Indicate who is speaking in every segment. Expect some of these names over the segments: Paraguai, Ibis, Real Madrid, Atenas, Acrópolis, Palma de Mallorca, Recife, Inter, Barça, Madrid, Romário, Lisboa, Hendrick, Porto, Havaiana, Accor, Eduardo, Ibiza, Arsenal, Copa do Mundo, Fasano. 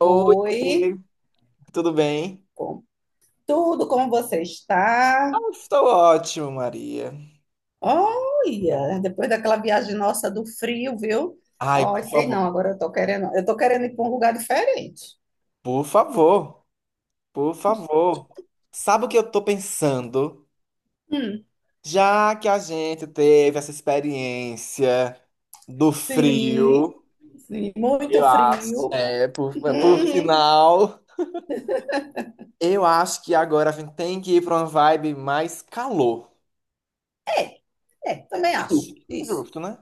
Speaker 1: Oi,
Speaker 2: Oi,
Speaker 1: oi, tudo bem?
Speaker 2: com tudo, como você está?
Speaker 1: Ah, estou ótimo, Maria.
Speaker 2: Olha, depois daquela viagem nossa do frio, viu?
Speaker 1: Ai,
Speaker 2: Ó,
Speaker 1: por
Speaker 2: sei não,
Speaker 1: favor,
Speaker 2: agora eu tô querendo ir para um lugar diferente.
Speaker 1: por favor, por favor. Sabe o que eu tô pensando?
Speaker 2: Hum,
Speaker 1: Já que a gente teve essa experiência do
Speaker 2: sim,
Speaker 1: frio,
Speaker 2: sim, muito
Speaker 1: eu acho,
Speaker 2: frio.
Speaker 1: é, por, é, por
Speaker 2: Hum,
Speaker 1: sinal, eu acho que agora a gente tem que ir pra uma vibe mais calor.
Speaker 2: é, é, também
Speaker 1: Justo,
Speaker 2: acho, isso.
Speaker 1: justo, né?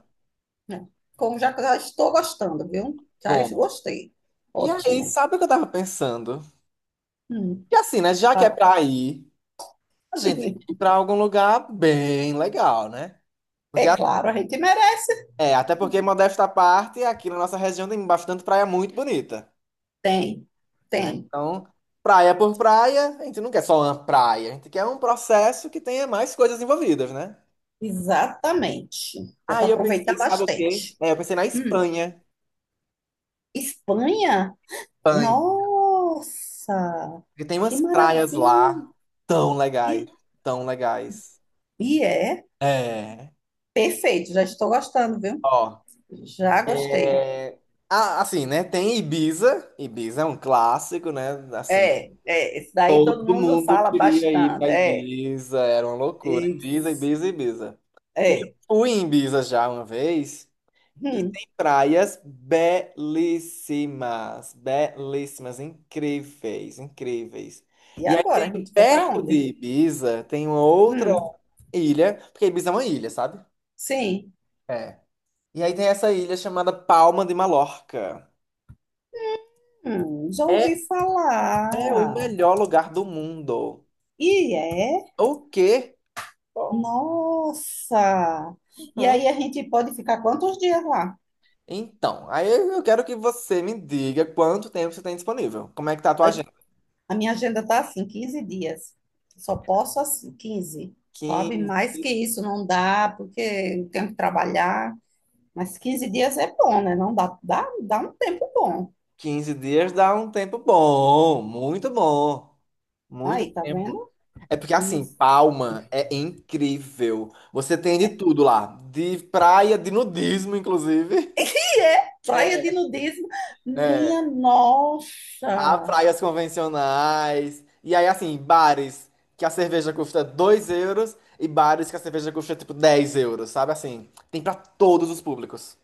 Speaker 2: É. Como já, já estou gostando, viu? Já
Speaker 1: Pronto.
Speaker 2: gostei.
Speaker 1: E aí,
Speaker 2: Ótimo.
Speaker 1: sabe o que eu tava pensando?
Speaker 2: Hum,
Speaker 1: Que assim, né? Já que é
Speaker 2: ah,
Speaker 1: pra ir. A gente tem que ir pra algum lugar bem legal, né? Porque,
Speaker 2: é
Speaker 1: a-
Speaker 2: claro, a gente merece.
Speaker 1: é, até porque, modesta parte, aqui na nossa região tem bastante praia muito bonita,
Speaker 2: Tem,
Speaker 1: né?
Speaker 2: tem.
Speaker 1: Então, praia por praia, a gente não quer só uma praia, a gente quer um processo que tenha mais coisas envolvidas, né?
Speaker 2: Exatamente. Dá para
Speaker 1: Aí eu pensei,
Speaker 2: aproveitar
Speaker 1: sabe o quê?
Speaker 2: bastante.
Speaker 1: É, eu pensei na
Speaker 2: Hum.
Speaker 1: Espanha.
Speaker 2: Espanha?
Speaker 1: Espanha.
Speaker 2: Nossa,
Speaker 1: Porque tem
Speaker 2: que
Speaker 1: umas praias lá
Speaker 2: maravilha!
Speaker 1: tão legais,
Speaker 2: E,
Speaker 1: tão legais.
Speaker 2: e é
Speaker 1: É.
Speaker 2: perfeito, já estou gostando, viu?
Speaker 1: Ó,
Speaker 2: Já gostei.
Speaker 1: ah, assim, né? Tem Ibiza. Ibiza é um clássico, né? Assim.
Speaker 2: É, esse daí todo
Speaker 1: Todo
Speaker 2: mundo
Speaker 1: mundo
Speaker 2: fala
Speaker 1: queria ir
Speaker 2: bastante.
Speaker 1: pra
Speaker 2: É,
Speaker 1: Ibiza, era uma loucura. Ibiza,
Speaker 2: isso.
Speaker 1: Ibiza, Ibiza. E eu
Speaker 2: É.
Speaker 1: fui em Ibiza já uma vez e
Speaker 2: Hum.
Speaker 1: tem praias belíssimas, belíssimas, incríveis, incríveis.
Speaker 2: E
Speaker 1: E aí
Speaker 2: agora?
Speaker 1: tem
Speaker 2: A gente vai para
Speaker 1: perto de
Speaker 2: onde?
Speaker 1: Ibiza, tem uma outra
Speaker 2: Hum.
Speaker 1: ilha, porque Ibiza é uma ilha, sabe?
Speaker 2: Sim.
Speaker 1: É. E aí tem essa ilha chamada Palma de Mallorca.
Speaker 2: Já ouvi
Speaker 1: É,
Speaker 2: falar.
Speaker 1: é o melhor lugar do mundo.
Speaker 2: E é.
Speaker 1: O quê?
Speaker 2: Nossa! E
Speaker 1: Uhum.
Speaker 2: aí a gente pode ficar quantos dias lá?
Speaker 1: Então, aí eu quero que você me diga quanto tempo você tem disponível. Como é que tá a tua agenda?
Speaker 2: A minha agenda tá assim, 15 dias. Só posso assim, 15, sabe?
Speaker 1: Quinze
Speaker 2: Mais que isso não dá, porque eu tenho que trabalhar. Mas 15 dias é bom, né? Não dá, dá um tempo bom.
Speaker 1: 15 dias dá um tempo bom, muito
Speaker 2: Aí, tá
Speaker 1: tempo.
Speaker 2: vendo?
Speaker 1: É porque assim,
Speaker 2: Isso.
Speaker 1: Palma é incrível. Você tem de tudo lá, de praia, de nudismo, inclusive.
Speaker 2: E é praia de
Speaker 1: É,
Speaker 2: nudismo,
Speaker 1: é.
Speaker 2: minha
Speaker 1: Há
Speaker 2: nossa!
Speaker 1: praias convencionais. E aí, assim, bares que a cerveja custa 2 euros e bares que a cerveja custa tipo 10 euros, sabe? Assim, tem pra todos os públicos.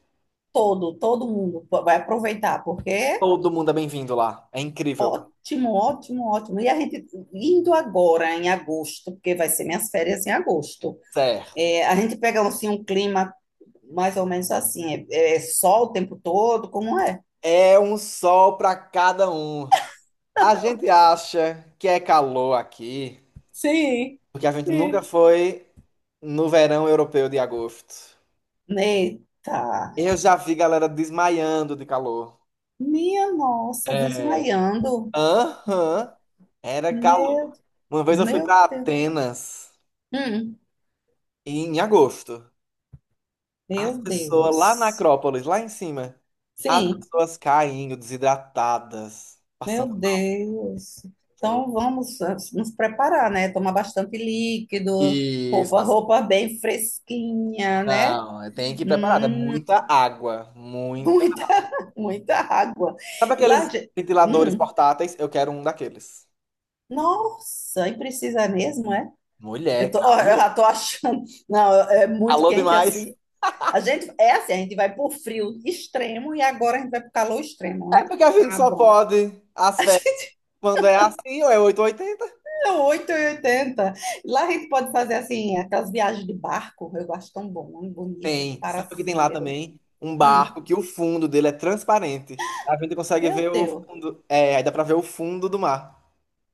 Speaker 2: Todo mundo vai aproveitar, porque
Speaker 1: Todo mundo é bem-vindo lá. É incrível.
Speaker 2: ótimo, ótimo, ótimo. E a gente indo agora em agosto, porque vai ser minhas férias em agosto.
Speaker 1: Certo.
Speaker 2: É, a gente pega assim, um clima mais ou menos assim, é, sol o tempo todo, como é?
Speaker 1: É um sol pra cada um. A gente acha que é calor aqui,
Speaker 2: Sim,
Speaker 1: porque a gente nunca
Speaker 2: sim.
Speaker 1: foi no verão europeu de agosto.
Speaker 2: Eita,
Speaker 1: Eu já vi galera desmaiando de calor.
Speaker 2: minha nossa,
Speaker 1: É.
Speaker 2: desmaiando.
Speaker 1: Aham. Era
Speaker 2: Meu,
Speaker 1: calor. Uma vez eu fui
Speaker 2: meu
Speaker 1: pra
Speaker 2: Deus.
Speaker 1: Atenas
Speaker 2: Hum,
Speaker 1: em agosto. As
Speaker 2: meu
Speaker 1: pessoas lá na
Speaker 2: Deus.
Speaker 1: Acrópolis, lá em cima, as
Speaker 2: Sim.
Speaker 1: pessoas caindo, desidratadas,
Speaker 2: Meu
Speaker 1: passando
Speaker 2: Deus.
Speaker 1: fome.
Speaker 2: Então vamos nos preparar, né? Tomar bastante líquido, roupa,
Speaker 1: Isso,
Speaker 2: roupa bem fresquinha, né?
Speaker 1: não, tem que ir preparado.
Speaker 2: Hum,
Speaker 1: É muita água, muita.
Speaker 2: muita, muita água.
Speaker 1: Sabe
Speaker 2: E lá,
Speaker 1: aqueles ventiladores
Speaker 2: hum,
Speaker 1: portáteis? Eu quero um daqueles.
Speaker 2: nossa, e precisa mesmo, é? Eu
Speaker 1: Mulher,
Speaker 2: tô, ó, eu
Speaker 1: calor.
Speaker 2: já tô achando. Não, é muito
Speaker 1: Calor
Speaker 2: quente
Speaker 1: demais.
Speaker 2: assim. A gente, é assim, a gente vai pro frio extremo e agora a gente vai pro calor extremo,
Speaker 1: É
Speaker 2: né?
Speaker 1: porque a gente
Speaker 2: Tá
Speaker 1: só
Speaker 2: bom.
Speaker 1: pode as férias quando é assim, ou é oito ou oitenta.
Speaker 2: Então, oito e oitenta. Lá a gente pode fazer assim, aquelas viagens de barco. Eu acho tão bom, um bonito,
Speaker 1: Tem.
Speaker 2: para
Speaker 1: Sabe o que
Speaker 2: assim
Speaker 1: tem
Speaker 2: no
Speaker 1: lá
Speaker 2: meio do mundo.
Speaker 1: também? Um
Speaker 2: Hum,
Speaker 1: barco que o fundo dele é transparente. A gente consegue ver
Speaker 2: meu
Speaker 1: o
Speaker 2: Deus.
Speaker 1: fundo. É, aí dá pra ver o fundo do mar.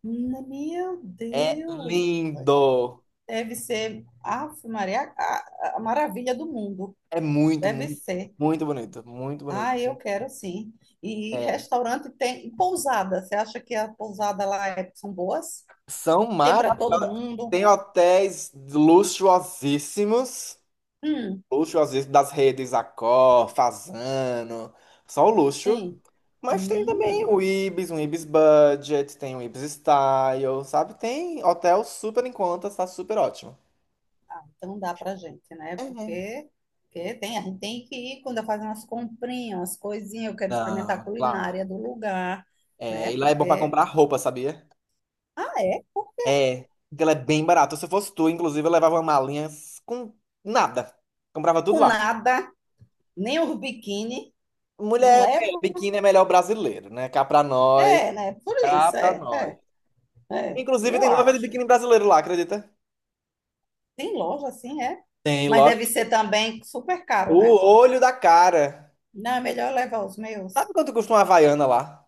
Speaker 2: Meu
Speaker 1: É
Speaker 2: Deus.
Speaker 1: lindo.
Speaker 2: Deve ser, Ave Maria, a maravilha do mundo.
Speaker 1: É muito,
Speaker 2: Deve
Speaker 1: muito,
Speaker 2: ser.
Speaker 1: muito bonito. Muito bonito.
Speaker 2: Ah, eu quero sim. E
Speaker 1: É.
Speaker 2: restaurante tem, e pousada. Você acha que a pousada lá é- são boas?
Speaker 1: São
Speaker 2: Tem para todo
Speaker 1: maravilhosas.
Speaker 2: mundo?
Speaker 1: Tem hotéis luxuosíssimos,
Speaker 2: Hum,
Speaker 1: luxuosíssimos das redes Accor, Fasano, só o luxo.
Speaker 2: sim.
Speaker 1: Mas tem também
Speaker 2: Hum.
Speaker 1: o Ibis, um Ibis Budget, tem o Ibis Style, sabe? Tem hotel super em conta, tá super ótimo.
Speaker 2: Ah, então dá pra gente, né?
Speaker 1: É.
Speaker 2: Porque, porque tem, a gente tem que ir quando eu fazer umas comprinhas, umas coisinhas, eu quero experimentar a
Speaker 1: Não, claro.
Speaker 2: culinária do lugar,
Speaker 1: É,
Speaker 2: né?
Speaker 1: e lá é bom pra
Speaker 2: Porque,
Speaker 1: comprar roupa, sabia?
Speaker 2: ah, é, porque
Speaker 1: É, porque ela é bem barata. Se eu fosse tu, inclusive, eu levava uma malinha com nada. Comprava tudo
Speaker 2: com
Speaker 1: lá.
Speaker 2: nada, nem os biquíni, não
Speaker 1: Mulher, é,
Speaker 2: levo.
Speaker 1: biquíni é melhor brasileiro, né? Cá pra nós,
Speaker 2: É, né? Por
Speaker 1: cá
Speaker 2: isso,
Speaker 1: pra nós. Inclusive,
Speaker 2: eu
Speaker 1: tem loja de
Speaker 2: acho.
Speaker 1: biquíni brasileiro lá, acredita?
Speaker 2: Tem loja assim, é.
Speaker 1: Tem
Speaker 2: Mas
Speaker 1: loja.
Speaker 2: deve ser também super caro,
Speaker 1: O
Speaker 2: né?
Speaker 1: olho da cara.
Speaker 2: Não, é melhor eu levar os
Speaker 1: Sabe
Speaker 2: meus.
Speaker 1: quanto custa uma Havaiana lá?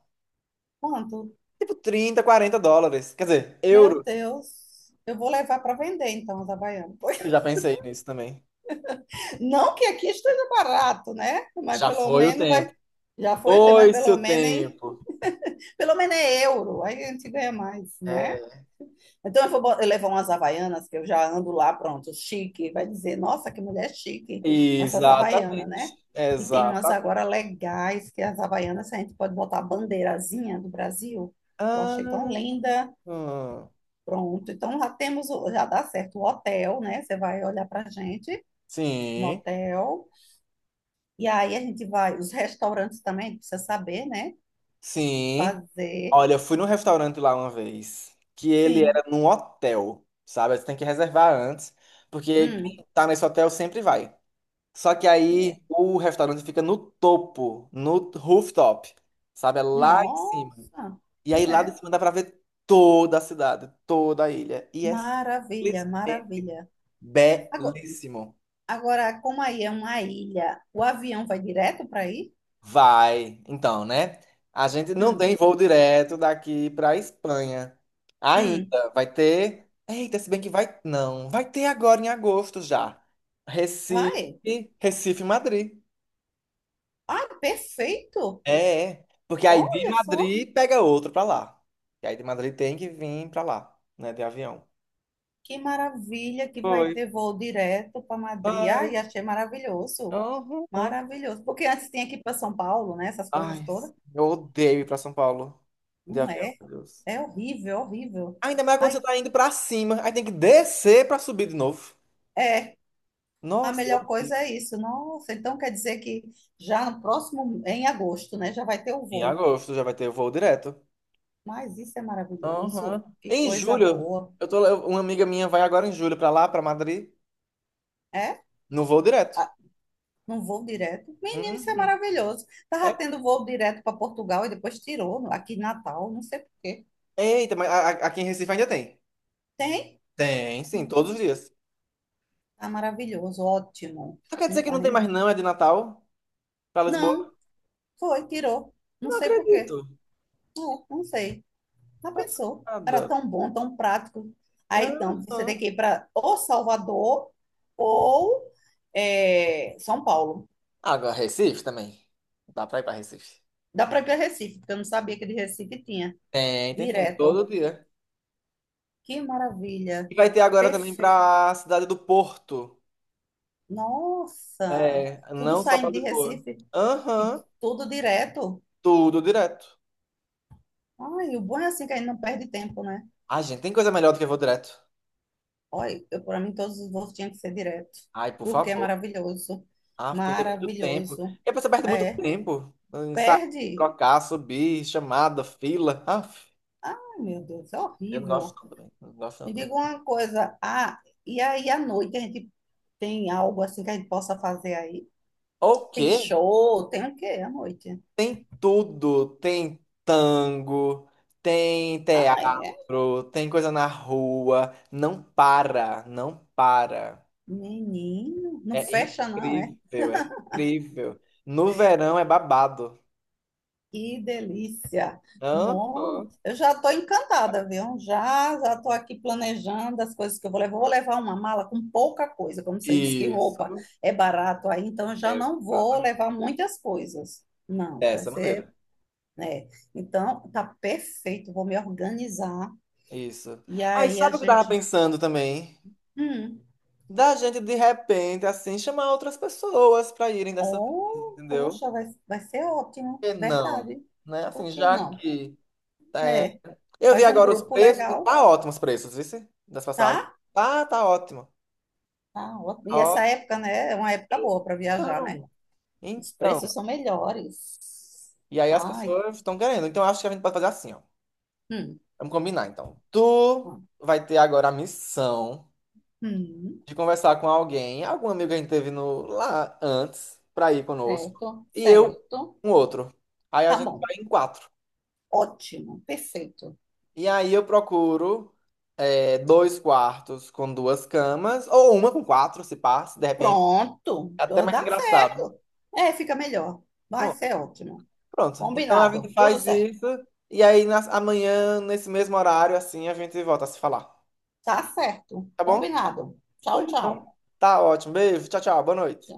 Speaker 2: Quanto?
Speaker 1: Tipo trinta quarenta dólares. Quer dizer,
Speaker 2: Meu
Speaker 1: euros.
Speaker 2: Deus, eu vou levar para vender então os havaianos.
Speaker 1: Eu já pensei nisso também.
Speaker 2: Não que aqui esteja barato, né? Mas
Speaker 1: Já
Speaker 2: pelo
Speaker 1: foi o
Speaker 2: menos vai.
Speaker 1: tempo.
Speaker 2: Já foi o tempo, mas
Speaker 1: Foi-se
Speaker 2: pelo
Speaker 1: o
Speaker 2: menos,
Speaker 1: tempo.
Speaker 2: pelo menos é euro, aí a gente ganha mais, né?
Speaker 1: É.
Speaker 2: Então eu vou bo- eu levar umas havaianas, que eu já ando lá, pronto, chique. Vai dizer, nossa, que mulher chique, com essas havaianas,
Speaker 1: Exatamente.
Speaker 2: né? E tem umas
Speaker 1: Exatamente.
Speaker 2: agora legais, que as havaianas a gente pode botar a bandeirazinha do Brasil. Eu achei tão
Speaker 1: Ah,
Speaker 2: linda.
Speaker 1: hum.
Speaker 2: Pronto, então já temos, já dá certo o hotel, né? Você vai olhar pra gente no
Speaker 1: Sim,
Speaker 2: hotel. E aí a gente vai, os restaurantes também, a gente precisa saber, né? O que
Speaker 1: sim.
Speaker 2: fazer.
Speaker 1: Olha, eu fui num restaurante lá uma vez, que ele
Speaker 2: Sim.
Speaker 1: era num hotel, sabe? Você tem que reservar antes, porque
Speaker 2: Hum.
Speaker 1: quem tá nesse hotel sempre vai. Só que
Speaker 2: E
Speaker 1: aí
Speaker 2: é.
Speaker 1: o restaurante fica no topo, no rooftop, sabe? É lá em cima.
Speaker 2: Nossa!
Speaker 1: E
Speaker 2: E
Speaker 1: aí lá de
Speaker 2: é.
Speaker 1: cima dá pra ver toda a cidade, toda a ilha. E é
Speaker 2: Maravilha,
Speaker 1: simplesmente
Speaker 2: maravilha. Agora,
Speaker 1: belíssimo.
Speaker 2: como aí é uma ilha, o avião vai direto para aí?
Speaker 1: Vai, então, né? A gente não
Speaker 2: Hum.
Speaker 1: tem voo direto daqui para Espanha.
Speaker 2: Hum.
Speaker 1: Ainda vai ter. Eita, se bem que vai. Não, vai ter agora em agosto já. Recife,
Speaker 2: Vai.
Speaker 1: Recife, Madrid.
Speaker 2: Ai, perfeito!
Speaker 1: É, é, porque aí de
Speaker 2: Olha só
Speaker 1: Madrid pega outro para lá. E aí de Madrid tem que vir para lá, né, de avião.
Speaker 2: que maravilha que vai
Speaker 1: Foi,
Speaker 2: ter voo direto para Madrid.
Speaker 1: vai.
Speaker 2: Ai, achei maravilhoso.
Speaker 1: Uhum, uhum.
Speaker 2: Maravilhoso. Porque antes tinha que ir para São Paulo, né? Essas coisas
Speaker 1: Ai,
Speaker 2: todas.
Speaker 1: eu odeio ir para São Paulo de
Speaker 2: Não
Speaker 1: avião,
Speaker 2: é?
Speaker 1: meu Deus.
Speaker 2: É horrível, é horrível.
Speaker 1: Ainda mais quando você
Speaker 2: Ai,
Speaker 1: tá indo pra cima, aí tem que descer pra subir de novo.
Speaker 2: é, a
Speaker 1: Nossa,
Speaker 2: melhor coisa é isso. Nossa, então quer dizer que já no próximo, em agosto, né, já vai ter o
Speaker 1: em
Speaker 2: voo.
Speaker 1: agosto já vai ter voo direto.
Speaker 2: Mas isso é
Speaker 1: Aham.
Speaker 2: maravilhoso. Que
Speaker 1: Em
Speaker 2: coisa
Speaker 1: julho,
Speaker 2: boa.
Speaker 1: eu tô, uma amiga minha vai agora em julho pra lá, pra Madrid,
Speaker 2: É?
Speaker 1: no voo direto.
Speaker 2: Um voo direto. Menino, isso é
Speaker 1: Uhum.
Speaker 2: maravilhoso.
Speaker 1: É,
Speaker 2: Tava tendo voo direto para Portugal e depois tirou aqui em Natal, não sei por quê.
Speaker 1: eita, mas a- aqui em Recife ainda tem.
Speaker 2: Tem?
Speaker 1: Tem, sim, todos os dias.
Speaker 2: Tá maravilhoso, ótimo.
Speaker 1: Tu quer dizer
Speaker 2: Hum,
Speaker 1: que não tem
Speaker 2: ainda-
Speaker 1: mais não, é de Natal pra Lisboa?
Speaker 2: Não, foi, tirou. Não
Speaker 1: Não
Speaker 2: sei por quê.
Speaker 1: acredito.
Speaker 2: Não, não sei. Já pensou? Era
Speaker 1: Passada.
Speaker 2: tão bom, tão prático. Aí então você tem
Speaker 1: Aham.
Speaker 2: que ir para ou Salvador ou é, São Paulo.
Speaker 1: Agora, Recife também. Dá pra ir pra Recife.
Speaker 2: Dá para ir para Recife, porque eu não sabia que de Recife tinha.
Speaker 1: Tem, tem, tem, todo
Speaker 2: Direto.
Speaker 1: dia.
Speaker 2: Que maravilha.
Speaker 1: E vai ter agora também
Speaker 2: Perfeito.
Speaker 1: pra cidade do Porto.
Speaker 2: Nossa!
Speaker 1: É,
Speaker 2: Tudo
Speaker 1: não só pra
Speaker 2: saindo de
Speaker 1: Lisboa.
Speaker 2: Recife e
Speaker 1: Aham,
Speaker 2: tudo direto.
Speaker 1: tudo direto.
Speaker 2: Ai, o bom é assim que a gente não perde tempo, né?
Speaker 1: Ai, gente, tem coisa melhor do que vou direto.
Speaker 2: Olha, eu, para mim todos os voos tinham que ser direto,
Speaker 1: Ai, por
Speaker 2: porque é
Speaker 1: favor.
Speaker 2: maravilhoso.
Speaker 1: Ah, perder muito tempo.
Speaker 2: Maravilhoso.
Speaker 1: E a pessoa perde muito
Speaker 2: É,
Speaker 1: tempo. Em, sabe?
Speaker 2: perde.
Speaker 1: Trocar, subir, chamada, fila. Ah,
Speaker 2: Ai, meu Deus, é
Speaker 1: eu não gosto
Speaker 2: horrível.
Speaker 1: não também. Não gosto não
Speaker 2: Me
Speaker 1: também.
Speaker 2: diga uma coisa. Ah, e aí à noite a gente tem algo assim que a gente possa fazer aí?
Speaker 1: O
Speaker 2: Tem
Speaker 1: quê?
Speaker 2: show, tem o quê à noite?
Speaker 1: Tem tudo. Tem tango, tem
Speaker 2: Ah, é?
Speaker 1: teatro, tem coisa na rua. Não para, não para.
Speaker 2: Menino, não
Speaker 1: É
Speaker 2: fecha não, é?
Speaker 1: incrível, é incrível. No verão é babado.
Speaker 2: Que delícia.
Speaker 1: Hã?
Speaker 2: Mó,
Speaker 1: Hã?
Speaker 2: eu já estou encantada, viu? Já, já estou aqui planejando as coisas que eu vou levar. Vou levar uma mala com pouca coisa, como você disse que roupa
Speaker 1: Isso.
Speaker 2: é barato aí, então eu já não vou levar
Speaker 1: Exatamente.
Speaker 2: muitas coisas. Não, vai
Speaker 1: Dessa maneira.
Speaker 2: ser né? Então, tá perfeito, vou me organizar.
Speaker 1: Isso.
Speaker 2: E
Speaker 1: Aí
Speaker 2: aí a
Speaker 1: sabe o que eu tava
Speaker 2: gente,
Speaker 1: pensando também?
Speaker 2: hum,
Speaker 1: Da gente de repente, assim, chamar outras pessoas pra irem dessa vez,
Speaker 2: oh,
Speaker 1: entendeu?
Speaker 2: poxa, vai, vai ser ótimo,
Speaker 1: Por que não?
Speaker 2: verdade.
Speaker 1: Né? Assim,
Speaker 2: Por que
Speaker 1: já
Speaker 2: não?
Speaker 1: que. Tá, é,
Speaker 2: Né?
Speaker 1: eu vi
Speaker 2: Faz um
Speaker 1: agora os
Speaker 2: grupo
Speaker 1: preços e
Speaker 2: legal,
Speaker 1: tá ótimos os preços, viu? Das passagens.
Speaker 2: tá?
Speaker 1: Tá, tá ótimo.
Speaker 2: Tá ótimo. E
Speaker 1: Ó,
Speaker 2: essa época, né, é uma época boa para viajar, né?
Speaker 1: então,
Speaker 2: Os
Speaker 1: então.
Speaker 2: preços são melhores.
Speaker 1: E aí as
Speaker 2: Ai,
Speaker 1: pessoas estão querendo. Então eu acho que a gente pode fazer assim, ó.
Speaker 2: hum,
Speaker 1: Vamos combinar, então. Tu vai ter agora a missão
Speaker 2: hum,
Speaker 1: de conversar com alguém, algum amigo que a gente teve no, lá antes, pra ir conosco.
Speaker 2: certo,
Speaker 1: E eu,
Speaker 2: certo.
Speaker 1: um outro. Aí a
Speaker 2: Tá
Speaker 1: gente
Speaker 2: bom,
Speaker 1: vai em quatro.
Speaker 2: ótimo, perfeito.
Speaker 1: E aí eu procuro é, dois quartos com duas camas, ou uma com quatro, se pá, se de repente.
Speaker 2: Pronto,
Speaker 1: É até
Speaker 2: então
Speaker 1: mais
Speaker 2: dá
Speaker 1: engraçado.
Speaker 2: certo. É, fica melhor. Vai
Speaker 1: Pronto,
Speaker 2: ser ótimo.
Speaker 1: pronto. Então a gente
Speaker 2: Combinado. Tudo
Speaker 1: faz
Speaker 2: certo.
Speaker 1: isso, e aí nas- amanhã, nesse mesmo horário, assim, a gente volta a se falar.
Speaker 2: Tá certo.
Speaker 1: Tá bom?
Speaker 2: Combinado.
Speaker 1: Pois
Speaker 2: Tchau,
Speaker 1: então.
Speaker 2: tchau.
Speaker 1: Tá ótimo. Beijo. Tchau, tchau. Boa noite.